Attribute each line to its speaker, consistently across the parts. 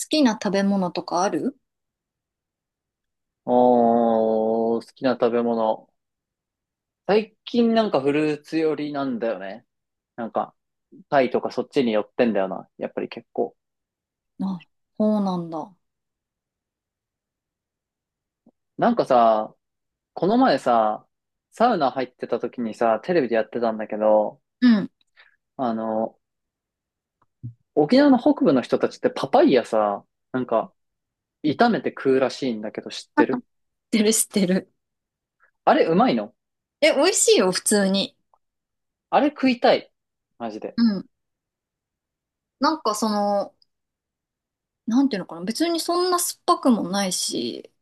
Speaker 1: 好きな食べ物とかある？
Speaker 2: おー、好きな食べ物。最近なんかフルーツ寄りなんだよね。なんか、タイとかそっちに寄ってんだよな。やっぱり結構。
Speaker 1: あ、そうなんだ。
Speaker 2: なんかさ、この前さ、サウナ入ってた時にさ、テレビでやってたんだけど、
Speaker 1: うん。知っ
Speaker 2: あの、沖縄の北部の人たちってパパイヤさ、なんか、炒めて食うらしいんだけど知ってる？
Speaker 1: てる、知ってる。
Speaker 2: あれうまいの？
Speaker 1: え、美味しいよ、普通に。
Speaker 2: あれ食いたい。マジで。
Speaker 1: うん。なんかその、なんていうのかな、別にそんな酸っぱくもないし、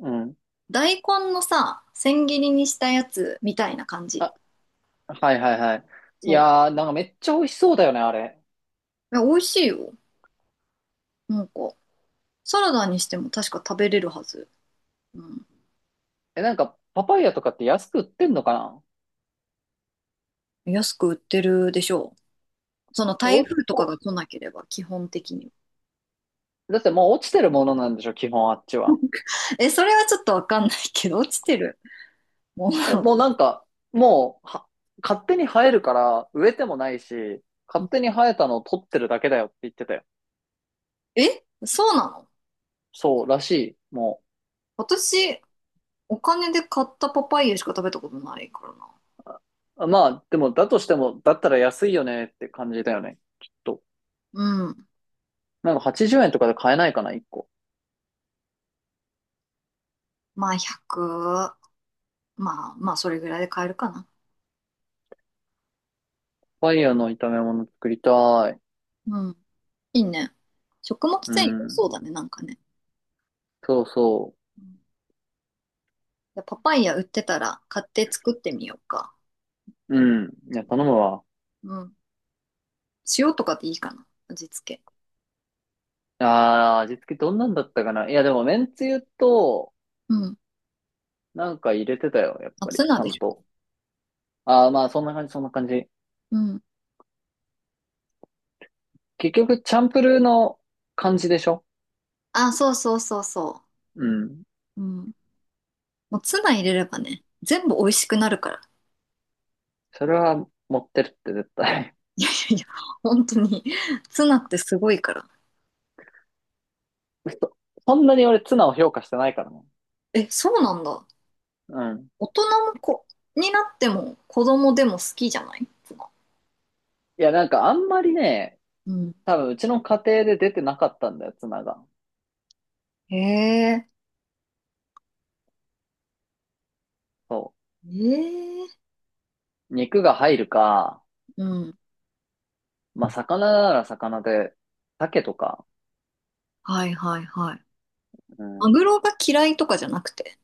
Speaker 2: うん。
Speaker 1: 大根のさ、千切りにしたやつみたいな感じ。
Speaker 2: あ、はいはいはい。い
Speaker 1: そ
Speaker 2: やー、なんかめっちゃ美味しそうだよね、あれ。
Speaker 1: う。え、美味しいよ。なんか、サラダにしても確か食べれるはず。うん。
Speaker 2: え、なんか、パパイヤとかって安く売ってんのかな？
Speaker 1: 安く売ってるでしょう。その台
Speaker 2: お、
Speaker 1: 風とか
Speaker 2: お、
Speaker 1: が来なければ、基本的に。
Speaker 2: だってもう落ちてるものなんでしょ、基本あっちは。
Speaker 1: え、それはちょっとわかんないけど、落ちてる。も
Speaker 2: え、もうなんか、もう、は、勝手に生えるから、植えてもないし、勝
Speaker 1: う。
Speaker 2: 手に生えたのを取ってるだけだよって言ってたよ。
Speaker 1: え、そうなの？
Speaker 2: そう、らしい、も
Speaker 1: 私、お金で買ったパパイヤしか食べたことないからな。
Speaker 2: う。あまあ、でも、だとしても、だったら安いよねって感じだよね、きっと。
Speaker 1: うん。
Speaker 2: なんか80円とかで買えないかな、1個。
Speaker 1: まあ、100。まあ、まあ、それぐらいで買えるかな。
Speaker 2: パパイヤの炒め物作りたい。
Speaker 1: うん。いいね。食物
Speaker 2: う
Speaker 1: 繊維、
Speaker 2: ん。
Speaker 1: そうだね、なんかね。
Speaker 2: そうそ
Speaker 1: うん。いや、パパイヤ売ってたら買って作ってみようか。
Speaker 2: う。うん。いや、頼むわ。
Speaker 1: うん。塩とかでいいかな。味付け。
Speaker 2: ああ、味付けどんなんだったかな。いや、でも、めんつゆと、
Speaker 1: うん。
Speaker 2: なんか入れてたよ、やっ
Speaker 1: まあ、
Speaker 2: ぱ
Speaker 1: ツ
Speaker 2: り、ち
Speaker 1: ナ
Speaker 2: ゃ
Speaker 1: で
Speaker 2: ん
Speaker 1: しょ。
Speaker 2: と。ああ、まあ、そんな感じ、そんな感じ。
Speaker 1: うん。
Speaker 2: 結局、チャンプルーの感じでしょ？
Speaker 1: あ、そうそうそうそ
Speaker 2: うん。
Speaker 1: う。うん。もうツナ入れればね、全部美味しくなるから。
Speaker 2: それは持ってるって絶対。
Speaker 1: いやいやいや、本当に。ツナってすごいから。
Speaker 2: そ、そんなに俺、ツナを評価してないからね。
Speaker 1: え、そうなんだ。
Speaker 2: うん。
Speaker 1: 大人も子になっても子供でも好きじゃないツナ。
Speaker 2: いや、なんか、あんまりね、
Speaker 1: うん。
Speaker 2: 多分、うちの家庭で出てなかったんだよ、ツナが。
Speaker 1: へえ。
Speaker 2: そ
Speaker 1: ええ。
Speaker 2: う。肉が入るか、
Speaker 1: うん。
Speaker 2: まあ、魚なら魚で、鮭とか、
Speaker 1: はいはいはい。
Speaker 2: う
Speaker 1: マ
Speaker 2: ん。い
Speaker 1: グロが嫌いとかじゃなくて。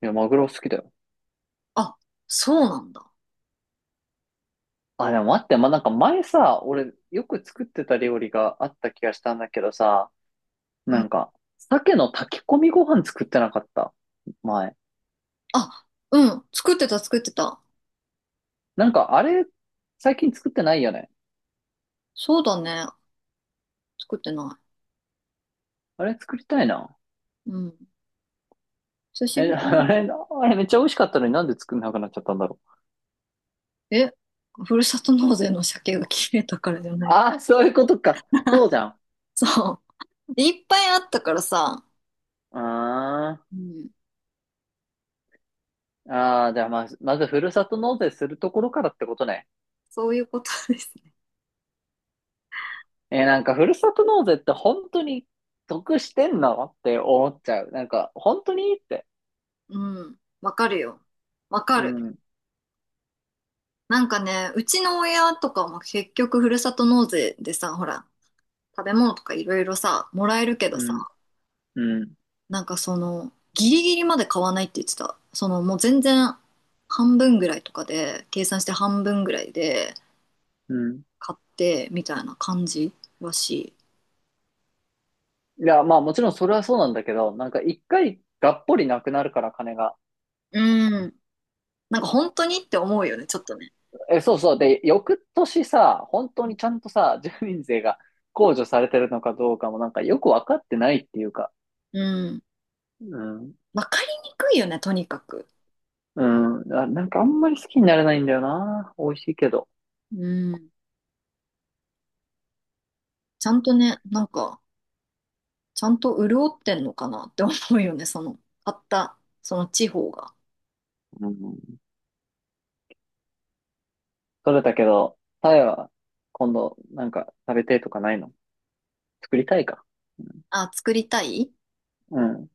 Speaker 2: や、マグロ好きだよ。
Speaker 1: あ、そうなんだ。
Speaker 2: あ、でも待って、ま、なんか前さ、俺よく作ってた料理があった気がしたんだけどさ、
Speaker 1: う
Speaker 2: な
Speaker 1: ん。
Speaker 2: んか、鮭の炊き込みご飯作ってなかった、前。
Speaker 1: あ、うん。作ってた作ってた。
Speaker 2: なんかあれ、最近作ってないよね。
Speaker 1: そうだね。作ってな
Speaker 2: あれ作りたいな。
Speaker 1: い。うん。久し
Speaker 2: え、
Speaker 1: ぶり
Speaker 2: あ
Speaker 1: に。
Speaker 2: れ、あれめっちゃ美味しかったのになんで作んなくなっちゃったんだろう。
Speaker 1: え、ふるさと納税の鮭が切れたからじゃない？
Speaker 2: ああ、そういうことか。そう じゃん。
Speaker 1: そう。いっぱいあったからさ。
Speaker 2: あ
Speaker 1: うん。
Speaker 2: ーあー、じゃあまず、まずふるさと納税するところからってことね。
Speaker 1: そういうことですね。
Speaker 2: なんかふるさと納税って本当に得してんのって思っちゃう。なんか、本当にって。
Speaker 1: うん。わかるよ。わか
Speaker 2: う
Speaker 1: る。
Speaker 2: ん、
Speaker 1: なんかね、うちの親とかも結局ふるさと納税でさ、ほら、食べ物とかいろいろさ、もらえるけ
Speaker 2: う
Speaker 1: どさ、
Speaker 2: ん、うん、
Speaker 1: なんかその、ギリギリまで買わないって言ってた。その、もう全然半分ぐらいとかで、計算して半分ぐらいで
Speaker 2: うん。
Speaker 1: 買って、みたいな感じらし
Speaker 2: いや、まあもちろんそれはそうなんだけど、なんか一回がっぽりなくなるから金が。
Speaker 1: い。うん。なんか本当にって思うよね、ちょっとね。
Speaker 2: え、そうそう。で、翌年さ、本当にちゃんとさ、住民税が控除されてるのかどうかもなんかよくわかってないっていうか。
Speaker 1: うん。
Speaker 2: うん。
Speaker 1: わかりにくいよね、とにかく。
Speaker 2: うん。なんかあんまり好きになれないんだよな。美味しいけど。
Speaker 1: うん。ちゃんとね、なんか、ちゃんと潤ってんのかなって思うよね、その、買った、その地方が。
Speaker 2: うん。それだけど、タイは今度なんか食べてとかないの？作りたいか。
Speaker 1: あ、作りたい。
Speaker 2: うん。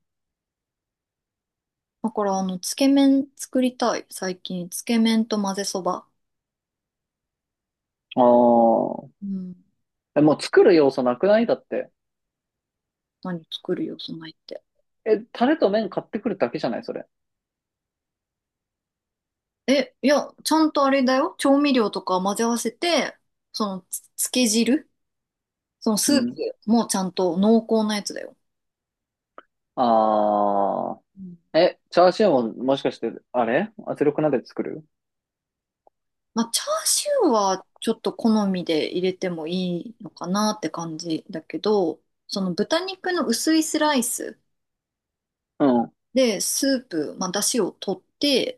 Speaker 1: だから、あの、つけ麺作りたい。最近、つけ麺と混ぜそば。
Speaker 2: あ
Speaker 1: うん。
Speaker 2: あ。え、もう作る要素なくないだって。
Speaker 1: 何作るよ、そないって。
Speaker 2: え、タレと麺買ってくるだけじゃないそれ。
Speaker 1: え、いや、ちゃんとあれだよ。調味料とか混ぜ合わせて、その、つけ汁、その
Speaker 2: う
Speaker 1: スープ
Speaker 2: ん。
Speaker 1: もちゃんと濃厚なやつだよ。
Speaker 2: あ
Speaker 1: うん。
Speaker 2: ー。え、チャーシューももしかして、あれ圧力鍋で作る？
Speaker 1: まあ、チャーシューはちょっと好みで入れてもいいのかなって感じだけど、その豚肉の薄いスライス。
Speaker 2: うん。は
Speaker 1: で、スープ、まあ、出汁を取って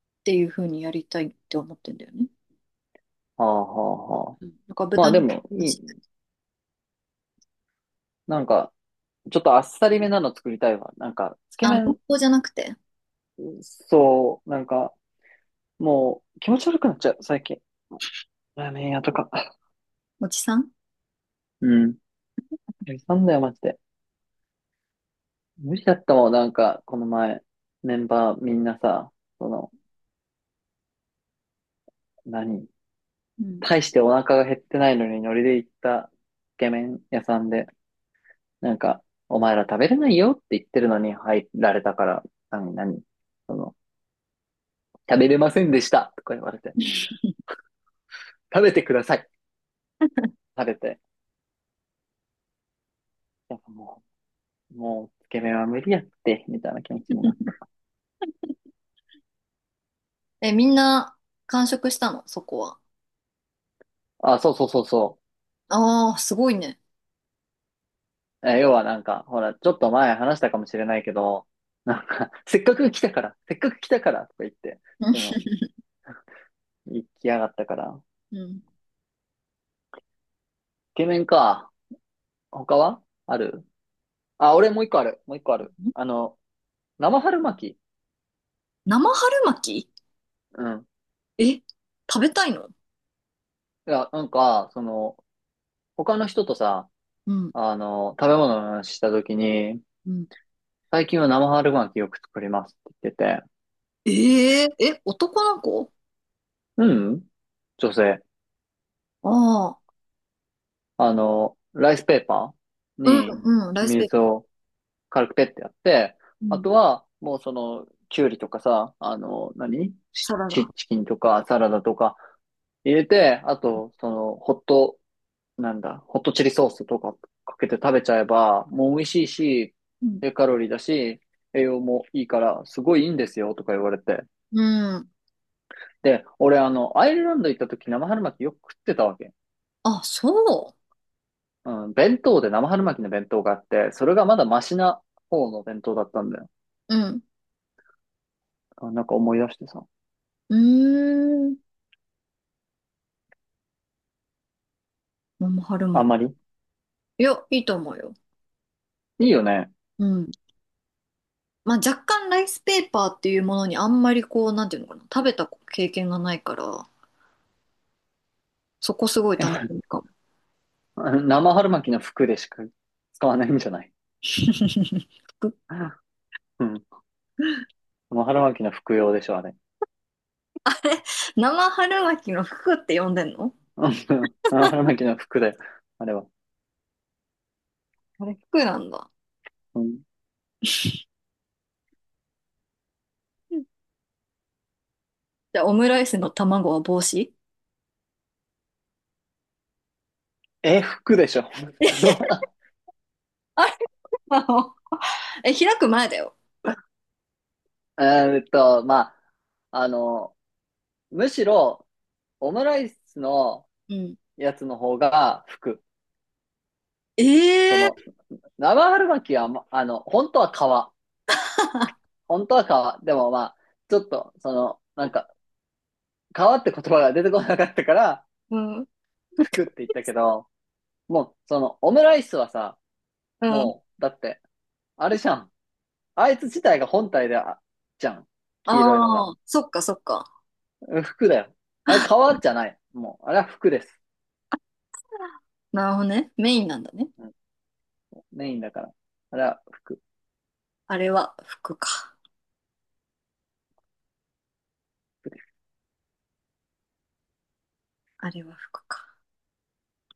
Speaker 1: っていう風にやりたいって思ってんだよね。
Speaker 2: あはあはあ。
Speaker 1: なんか
Speaker 2: ま
Speaker 1: 豚
Speaker 2: あ
Speaker 1: 肉
Speaker 2: で
Speaker 1: の
Speaker 2: も、
Speaker 1: 出
Speaker 2: い
Speaker 1: 汁。
Speaker 2: い。なんか、ちょっとあっさりめなの作りたいわ。なんか、つけ
Speaker 1: あ、濃
Speaker 2: 麺、
Speaker 1: 厚じゃなくて、
Speaker 2: そう、なんか、もう気持ち悪くなっちゃう、最近。ラーメン屋とか。
Speaker 1: おじさん。
Speaker 2: うん。なんだよ、マジで。無理だったもん、なんか、この前、メンバーみんなさ、その、何？
Speaker 1: うん。
Speaker 2: 大してお腹が減ってないのにノリで行ったつけ麺屋さんで、なんか、お前ら食べれないよって言ってるのに入られたから、何、何、その、食べれませんでしたとか言われて、食べてください、食べて、やっぱもう、もう、つけ麺は無理やって、みたいな気持ちになっ
Speaker 1: え、みんな完食したの、そこは。
Speaker 2: た。あ、そうそうそうそ
Speaker 1: ああ、すごいね。
Speaker 2: う。え、要はなんか、ほら、ちょっと前話したかもしれないけど、なんか、せっかく来たから、せっかく来たからとか言って、
Speaker 1: うん。
Speaker 2: その、行きやがったから、
Speaker 1: うん。
Speaker 2: つけ麺か、他はある？あ、俺もう一個ある。もう一個ある。生春巻き。
Speaker 1: 生春巻き？
Speaker 2: うん。
Speaker 1: え、食べたいの？
Speaker 2: いや、なんか、その、他の人とさ、
Speaker 1: うん。
Speaker 2: あの、食べ物の話したときに、
Speaker 1: うん。
Speaker 2: 最近は生春巻きよく作りますって言ってて、
Speaker 1: えー、え、男の子？
Speaker 2: うん、女性、
Speaker 1: ああ、
Speaker 2: ライスペーパー
Speaker 1: うん、
Speaker 2: に
Speaker 1: うん、ライスペー
Speaker 2: 水
Speaker 1: パー。
Speaker 2: を軽くペッてやって、
Speaker 1: う
Speaker 2: あ
Speaker 1: ん。
Speaker 2: とは、もうその、きゅうりとかさ、あの、何？チ
Speaker 1: サラダ。
Speaker 2: チキンとかサラダとか入れて、あと、その、ホットなんだ、ホットチリソースとかかけて食べちゃえば、もう美味しいし、
Speaker 1: うん。
Speaker 2: 低カロリーだし、栄養もいいから、すごいいいんですよ、とか言われて。
Speaker 1: うん。
Speaker 2: で、俺、あの、アイルランド行った時、生春巻きよく食ってたわけ。
Speaker 1: あ、そ
Speaker 2: うん、弁当で生春巻きの弁当があって、それがまだマシな方の弁当だったんだよ。
Speaker 1: う。うん。
Speaker 2: あなんか思い出してさ。
Speaker 1: うーん。桃春
Speaker 2: あ
Speaker 1: 巻
Speaker 2: んま
Speaker 1: き。
Speaker 2: り。
Speaker 1: いや、いいと思うよ。
Speaker 2: いいよね。
Speaker 1: うん。まあ若干ライスペーパーっていうものにあんまりこう、なんていうのかな、食べた経験がないから、そこすごい楽しみ かも。
Speaker 2: 生春巻きの服でしか使わないんじゃない？
Speaker 1: 服？
Speaker 2: うん。生春巻きの服用でしょ、あれ。
Speaker 1: 生春巻きの服って呼んでんの？
Speaker 2: うん、生春巻きの服で、あれは。
Speaker 1: あれ服なんだ。
Speaker 2: うん。
Speaker 1: うん。じゃあオムライスの卵は帽子？
Speaker 2: え、服でしょう？
Speaker 1: あれなの？え、開く前だよ。
Speaker 2: ーんと、まあ、むしろ、オムライスの
Speaker 1: うん。
Speaker 2: やつの方が服。そ
Speaker 1: え
Speaker 2: の、
Speaker 1: え。
Speaker 2: 生春巻きは、まあの、本当は皮。本当は皮。でもまあ、ちょっと、その、なんか、皮って言葉が出てこなかったから、
Speaker 1: うん。
Speaker 2: 服って言ったけど、もう、その、オムライスはさ、
Speaker 1: うん。
Speaker 2: もう、だって、あれじゃん。あいつ自体が本体であ、じゃん。黄色いの
Speaker 1: あ
Speaker 2: が。
Speaker 1: あ、そっかそっか。
Speaker 2: うん服だよ。あれ、皮じゃない。もう、あれは服です。
Speaker 1: なるほどね。メインなんだね。
Speaker 2: なんかメインだから。あら、
Speaker 1: あれは服か。あれは服か。